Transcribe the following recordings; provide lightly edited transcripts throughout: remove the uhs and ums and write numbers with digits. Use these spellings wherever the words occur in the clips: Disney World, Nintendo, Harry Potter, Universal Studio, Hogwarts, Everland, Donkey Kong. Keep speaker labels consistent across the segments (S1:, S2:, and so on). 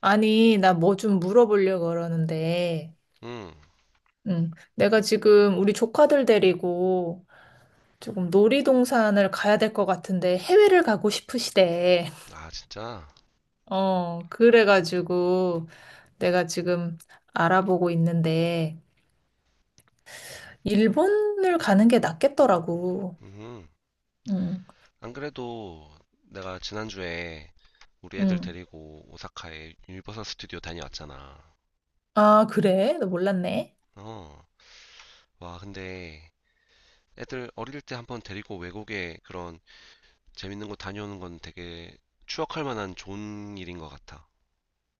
S1: 아니, 나 뭐 좀 물어보려고 그러는데,
S2: 응.
S1: 응. 내가 지금 우리 조카들 데리고 조금 놀이동산을 가야 될 것 같은데 해외를 가고 싶으시대.
S2: 아, 진짜?
S1: 그래가지고 내가 지금 알아보고 있는데, 일본을 가는 게 낫겠더라고.
S2: 음.
S1: 응,
S2: 안 그래도 내가 지난주에 우리 애들
S1: 응.
S2: 데리고 오사카에 유니버설 스튜디오 다녀왔잖아.
S1: 아, 그래? 나 몰랐네.
S2: 어. 와, 근데 애들 어릴 때 한 번 데리고 외국에 그런 재밌는 곳 다녀오는 건 되게 추억할 만한 좋은 일인 것 같아.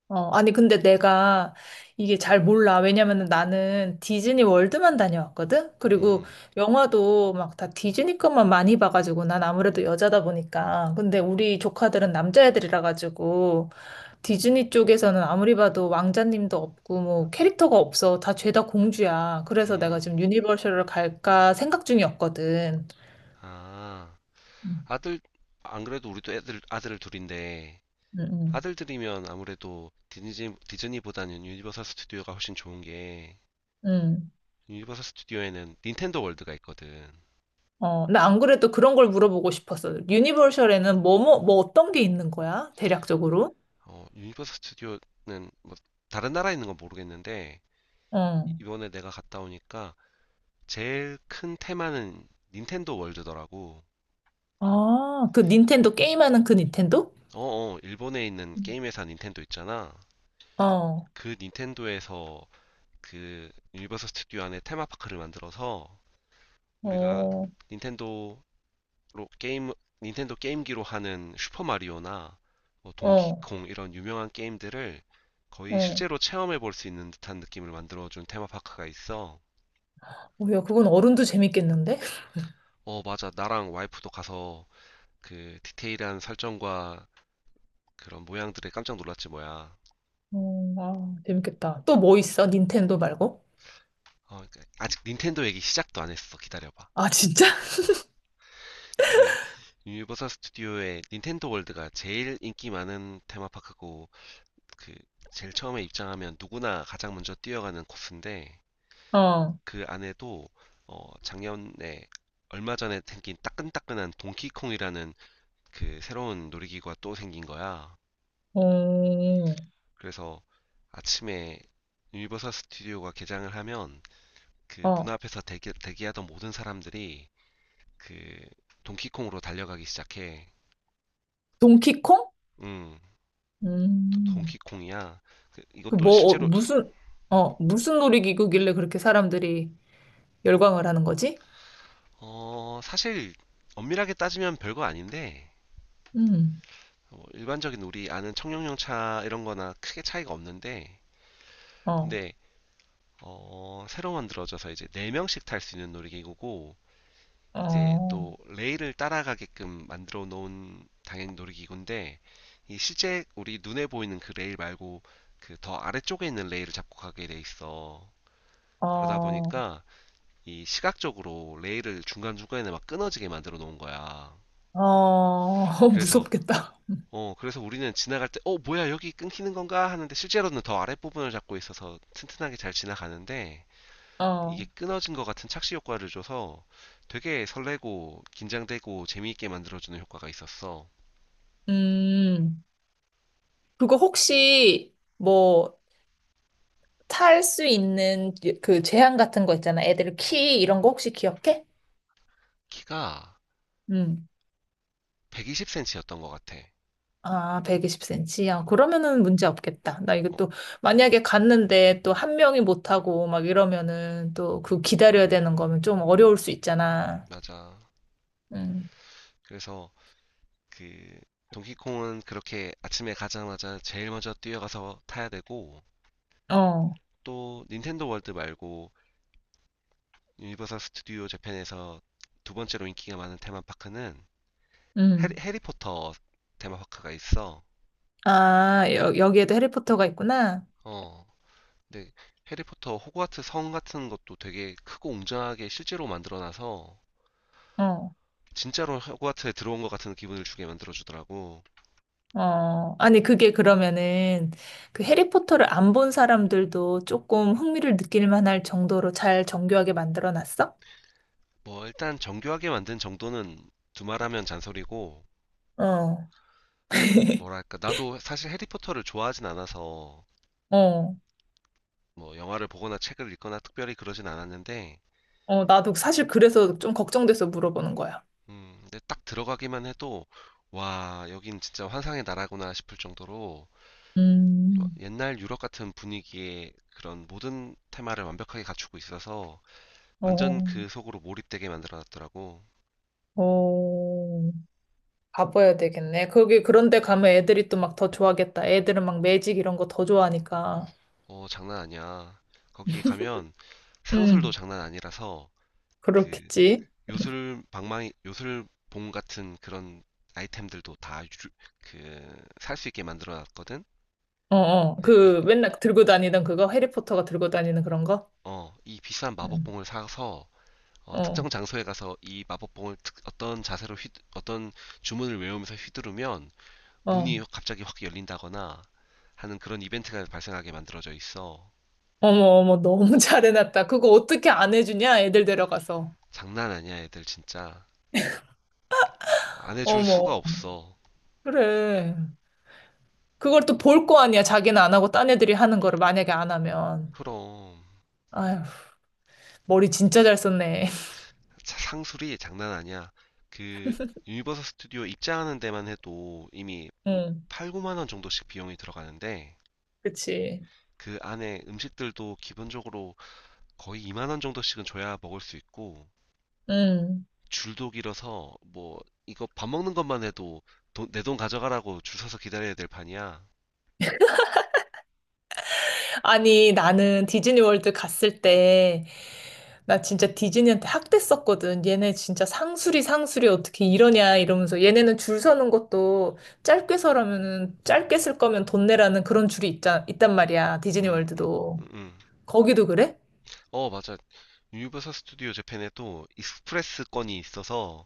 S1: 아니, 근데 내가 이게 잘 몰라. 왜냐면은 나는 디즈니 월드만 다녀왔거든? 그리고
S2: 음.
S1: 영화도 막 다 디즈니 것만 많이 봐가지고 난 아무래도 여자다 보니까. 근데 우리 조카들은 남자애들이라 가지고 디즈니 쪽에서는 아무리 봐도 왕자님도 없고 뭐 캐릭터가 없어. 다 죄다 공주야. 그래서 내가
S2: 음.
S1: 지금 유니버셜을 갈까 생각 중이었거든.
S2: 아.
S1: 음,
S2: 아들, 안 그래도 우리도 애들, 아들 둘인데
S1: 음,
S2: 아들들이면 아무래도 디즈니보다는 유니버설 스튜디오가 훨씬 좋은 게
S1: 음.
S2: 유니버설 스튜디오에는 닌텐도 월드가 있거든.
S1: 어, 나 안 그래도 그런 걸 물어보고 싶었어. 유니버셜에는 뭐 어떤 게 있는 거야? 대략적으로?
S2: 유니버설 스튜디오는 뭐 다른 나라에 있는 건 모르겠는데
S1: 어.
S2: 이번에 내가 갔다 오니까 제일 큰 테마는 닌텐도 월드더라고.
S1: 아, 그 닌텐도 게임하는 그 닌텐도?
S2: 일본에 있는
S1: 음.
S2: 게임 회사 닌텐도 있잖아.
S1: 어,
S2: 그 닌텐도에서 그 유니버설 스튜디오 안에 테마파크를 만들어서 우리가
S1: 어,
S2: 닌텐도 로 게임 닌텐도 게임기로 하는 슈퍼 마리오나 뭐
S1: 어,
S2: 동키콩 이런 유명한 게임들을 거의
S1: 어.
S2: 실제로 체험해 볼 수 있는 듯한 느낌을 만들어준 테마파크가 있어.
S1: 어, 야, 그건 어른도 재밌겠는데?
S2: 어, 맞아. 나랑 와이프도 가서 그 디테일한 설정과 그런 모양들에 깜짝 놀랐지 뭐야.
S1: 어, 아, 재밌겠다. 또 뭐 있어? 닌텐도 말고?
S2: 어, 그러니까 아직 닌텐도 얘기 시작도 안 했어. 기다려봐.
S1: 아, 진짜?
S2: 그 유니버설 스튜디오의 닌텐도 월드가 제일 인기 많은 테마파크고 그 제일 처음에 입장하면 누구나 가장 먼저 뛰어가는 코스인데
S1: 어,
S2: 그 안에도 작년에 얼마 전에 생긴 따끈따끈한 동키콩이라는 그 새로운 놀이기구가 또 생긴 거야.
S1: 어,
S2: 그래서 아침에 유니버설 스튜디오가 개장을 하면 그 문
S1: 어.
S2: 앞에서 대기하던 모든 사람들이 그 동키콩으로 달려가기 시작해.
S1: 동키콩?
S2: 응,
S1: 음,
S2: 동키콩이야.
S1: 그
S2: 이것도
S1: 뭐, 어,
S2: 실제로
S1: 무슨, 무슨 놀이기구길래 그렇게 사람들이 열광을 하는 거지?
S2: 사실 엄밀하게 따지면 별거 아닌데
S1: 음,
S2: 뭐 일반적인 우리 아는 청룡용차 이런 거나 크게 차이가 없는데
S1: 어.
S2: 근데 새로 만들어져서 이제 4명씩 탈 수 있는 놀이기구고, 이제
S1: 어,
S2: 또 레일을 따라가게끔 만들어 놓은 당연히 놀이기구인데, 이 실제 우리 눈에 보이는 그 레일 말고 그 더 아래쪽에 있는 레일을 잡고 가게 돼 있어. 그러다
S1: 어,
S2: 보니까 이 시각적으로 레일을 중간중간에 막 끊어지게 만들어 놓은 거야.
S1: 어,
S2: 그래서,
S1: 무섭겠다.
S2: 그래서 우리는 지나갈 때, 뭐야, 여기 끊기는 건가? 하는데 실제로는 더 아랫부분을 잡고 있어서 튼튼하게 잘 지나가는데,
S1: 어,
S2: 이게 끊어진 것 같은 착시 효과를 줘서 되게 설레고 긴장되고 재미있게 만들어주는 효과가 있었어.
S1: 음, 그거 혹시 뭐 탈 수 있는 그 제한 같은 거 있잖아. 애들 키 이런 거 혹시 기억해?
S2: 키가
S1: 음.
S2: 120cm였던 것 같아.
S1: 아, 120cm. 야,
S2: 어,
S1: 그러면은 문제 없겠다. 나 이거
S2: 어,
S1: 또 만약에 갔는데 또 한 명이 못하고 막 이러면은 또 그 기다려야 되는 거면 좀 어려울 수 있잖아.
S2: 맞아.
S1: 음,
S2: 그래서 그 동키콩은 그렇게 아침에 가자마자 제일 먼저 뛰어가서 타야 되고
S1: 어,
S2: 또 닌텐도 월드 말고 유니버설 스튜디오 재팬에서 두 번째로 인기가 많은 테마파크는 해리,
S1: 음.
S2: 해리포터 테마파크가 있어.
S1: 아, 여기에도 해리포터가 있구나.
S2: 어, 근데 해리포터 호그와트 성 같은 것도 되게 크고 웅장하게 실제로 만들어놔서
S1: 어.
S2: 진짜로 호그와트에 들어온 것 같은 기분을 주게 만들어주더라고.
S1: 어, 아니, 그게 그러면은 그 해리포터를 안 본 사람들도 조금 흥미를 느낄 만할 정도로 잘 정교하게 만들어 놨어?
S2: 뭐 일단 정교하게 만든 정도는 두말하면 잔소리고
S1: 어,
S2: 뭐랄까 나도 사실 해리포터를 좋아하진 않아서
S1: 어,
S2: 뭐 영화를 보거나 책을 읽거나 특별히 그러진 않았는데
S1: 어, 나도 사실 그래서 좀 걱정돼서 물어보는 거야.
S2: 근데 딱 들어가기만 해도 와 여긴 진짜 환상의 나라구나 싶을 정도로 또
S1: 음,
S2: 옛날 유럽 같은 분위기의 그런 모든 테마를 완벽하게 갖추고 있어서 완전
S1: 어,
S2: 그 속으로 몰입되게 만들어놨더라고.
S1: 어, 가봐야 되겠네. 거기 그런데 가면 애들이 또 막 더 좋아하겠다. 애들은 막 매직 이런 거 더 좋아하니까.
S2: 어, 장난 아니야. 거기 가면 상술도
S1: 음,
S2: 장난 아니라서 그
S1: 그렇겠지.
S2: 요술 방망이, 요술봉 같은 그런 아이템들도 다 그 살 수 있게 만들어놨거든.
S1: 어, 어,
S2: 근데 이,
S1: 그 맨날 들고 다니던 그거? 해리포터가 들고 다니는 그런 거?
S2: 어, 이 비싼
S1: 음,
S2: 마법봉을 사서 특정
S1: 어.
S2: 장소에 가서 이 마법봉을 어떤 자세로 어떤 주문을 외우면서 휘두르면
S1: 어.
S2: 문이 갑자기 확 열린다거나 하는 그런 이벤트가 발생하게 만들어져 있어.
S1: 어머, 어머, 너무 잘해놨다. 그거 어떻게 안 해주냐? 애들 데려가서.
S2: 장난 아니야, 애들 진짜. 안 해줄
S1: 어머,
S2: 수가 없어.
S1: 그래. 그걸 또 볼 거 아니야. 자기는 안 하고 딴 애들이 하는 거를 만약에 안 하면.
S2: 그럼.
S1: 아휴, 머리 진짜 잘 썼네.
S2: 상술이 장난 아니야. 그, 유니버설 스튜디오 입장하는 데만 해도 이미
S1: 응,
S2: 8, 9만 원 정도씩 비용이 들어가는데,
S1: 그치.
S2: 그 안에 음식들도 기본적으로 거의 2만 원 정도씩은 줘야 먹을 수 있고,
S1: 응.
S2: 줄도 길어서, 뭐, 이거 밥 먹는 것만 해도 내 돈 가져가라고 줄 서서 기다려야 될 판이야.
S1: 아니, 나는 디즈니 월드 갔을 때, 나 진짜 디즈니한테 학대했었거든. 얘네 진짜 상술이 어떻게 이러냐 이러면서 얘네는 줄 서는 것도 짧게 서라면은 짧게 쓸 거면 돈 내라는 그런 줄이 있단 말이야. 디즈니
S2: 음, 음,
S1: 월드도.
S2: 음, 음.
S1: 거기도 그래?
S2: 어, 맞아. 유니버설 스튜디오 재팬에도 익스프레스 건이 있어서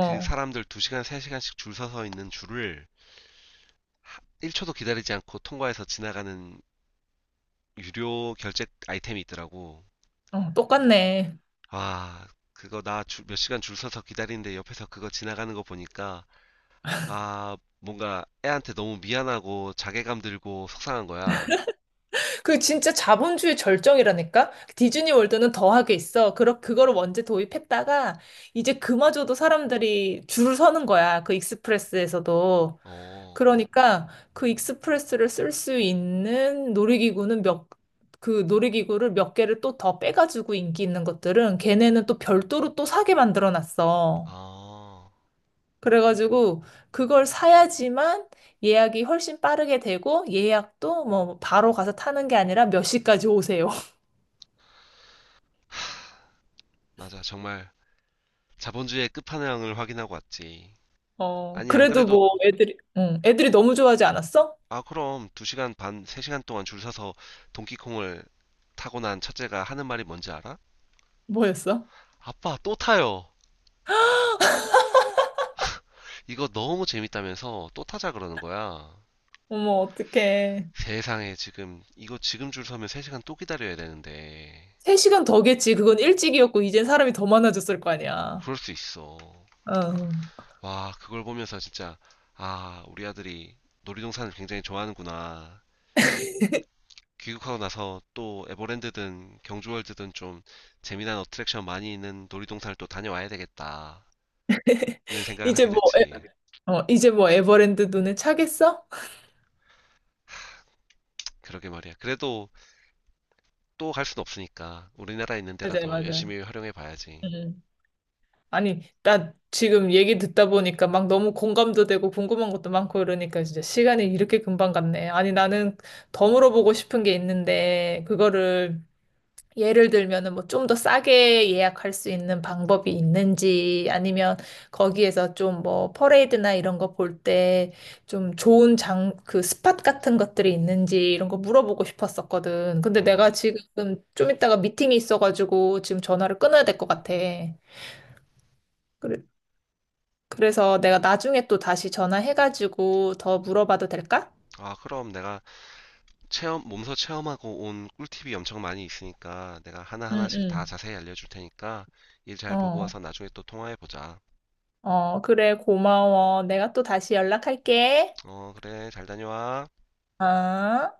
S2: 그 사람들 2시간, 3시간씩 줄 서서 있는 줄을 1초도 기다리지 않고 통과해서 지나가는 유료 결제 아이템이 있더라고.
S1: 어, 똑같네.
S2: 아, 그거 나 몇 시간 줄 서서 기다리는데 옆에서 그거 지나가는 거 보니까 아, 뭔가 애한테 너무 미안하고 자괴감 들고 속상한 거야.
S1: 그 진짜 자본주의 절정이라니까? 디즈니 월드는 더하게 있어. 그거를 먼저 도입했다가 이제 그마저도 사람들이 줄을 서는 거야. 그 익스프레스에서도.
S2: 어,
S1: 그러니까 그 익스프레스를 쓸 수 있는 그 놀이기구를 몇 개를 또 더 빼가지고 인기 있는 것들은 걔네는 또 별도로 또 사게 만들어 놨어.
S2: 아,
S1: 그래가지고 그걸 사야지만 예약이 훨씬 빠르게 되고 예약도 뭐 바로 가서 타는 게 아니라 몇 시까지 오세요.
S2: 맞아. 정말 자본주의의 끝판왕을 확인하고 왔지.
S1: 어,
S2: 아니, 안
S1: 그래도
S2: 그래도
S1: 뭐 애들이 너무 좋아하지 않았어?
S2: 아, 그럼 2시간 반, 3시간 동안 줄 서서 동키콩을 타고 난 첫째가 하는 말이 뭔지 알아?
S1: 뭐였어?
S2: 아빠, 또 타요. 이거 너무 재밌다면서 또 타자 그러는 거야.
S1: 어머, 어떡해.
S2: 세상에, 지금, 이거 지금 줄 서면 3시간 또 기다려야 되는데.
S1: 3시간 더겠지. 그건 일찍이었고, 이젠 사람이 더 많아졌을 거 아니야.
S2: 그럴 수 있어.
S1: 어.
S2: 와, 그걸 보면서 진짜, 아, 우리 아들이 놀이동산을 굉장히 좋아하는구나. 귀국하고 나서 또 에버랜드든 경주월드든 좀 재미난 어트랙션 많이 있는 놀이동산을 또 다녀와야 되겠다. 는 생각을
S1: 이제
S2: 하게
S1: 뭐, 에,
S2: 됐지.
S1: 이제 뭐 에버랜드 눈에 차겠어?
S2: 그러게 말이야. 그래도 또 갈 순 없으니까 우리나라에 있는
S1: 맞아요,
S2: 데라도
S1: 맞아요.
S2: 열심히 활용해 봐야지.
S1: 음. 아니, 나 지금 얘기 듣다 보니까 막 너무 공감도 되고 궁금한 것도 많고 이러니까 진짜 시간이 이렇게 금방 갔네. 아니, 나는 더 물어보고 싶은 게 있는데, 그거를 예를 들면은 뭐 좀 더 싸게 예약할 수 있는 방법이 있는지 아니면 거기에서 좀 뭐 퍼레이드나 이런 거 볼 때 좀 그 스팟 같은 것들이 있는지 이런 거 물어보고 싶었었거든. 근데
S2: 음.
S1: 내가 지금 좀 이따가 미팅이 있어가지고 지금 전화를 끊어야 될 것 같아. 그래, 그래서 내가 나중에 또 다시 전화해가지고 더 물어봐도 될까?
S2: 아, 그럼 내가 몸소 체험하고 온 꿀팁이 엄청 많이 있으니까 내가
S1: 응,
S2: 하나하나씩 다
S1: 응.
S2: 자세히 알려줄 테니까 일 잘 보고
S1: 어,
S2: 와서 나중에 또 통화해 보자.
S1: 어, 그래, 고마워. 내가 또 다시 연락할게.
S2: 어, 그래. 잘 다녀와.
S1: 어?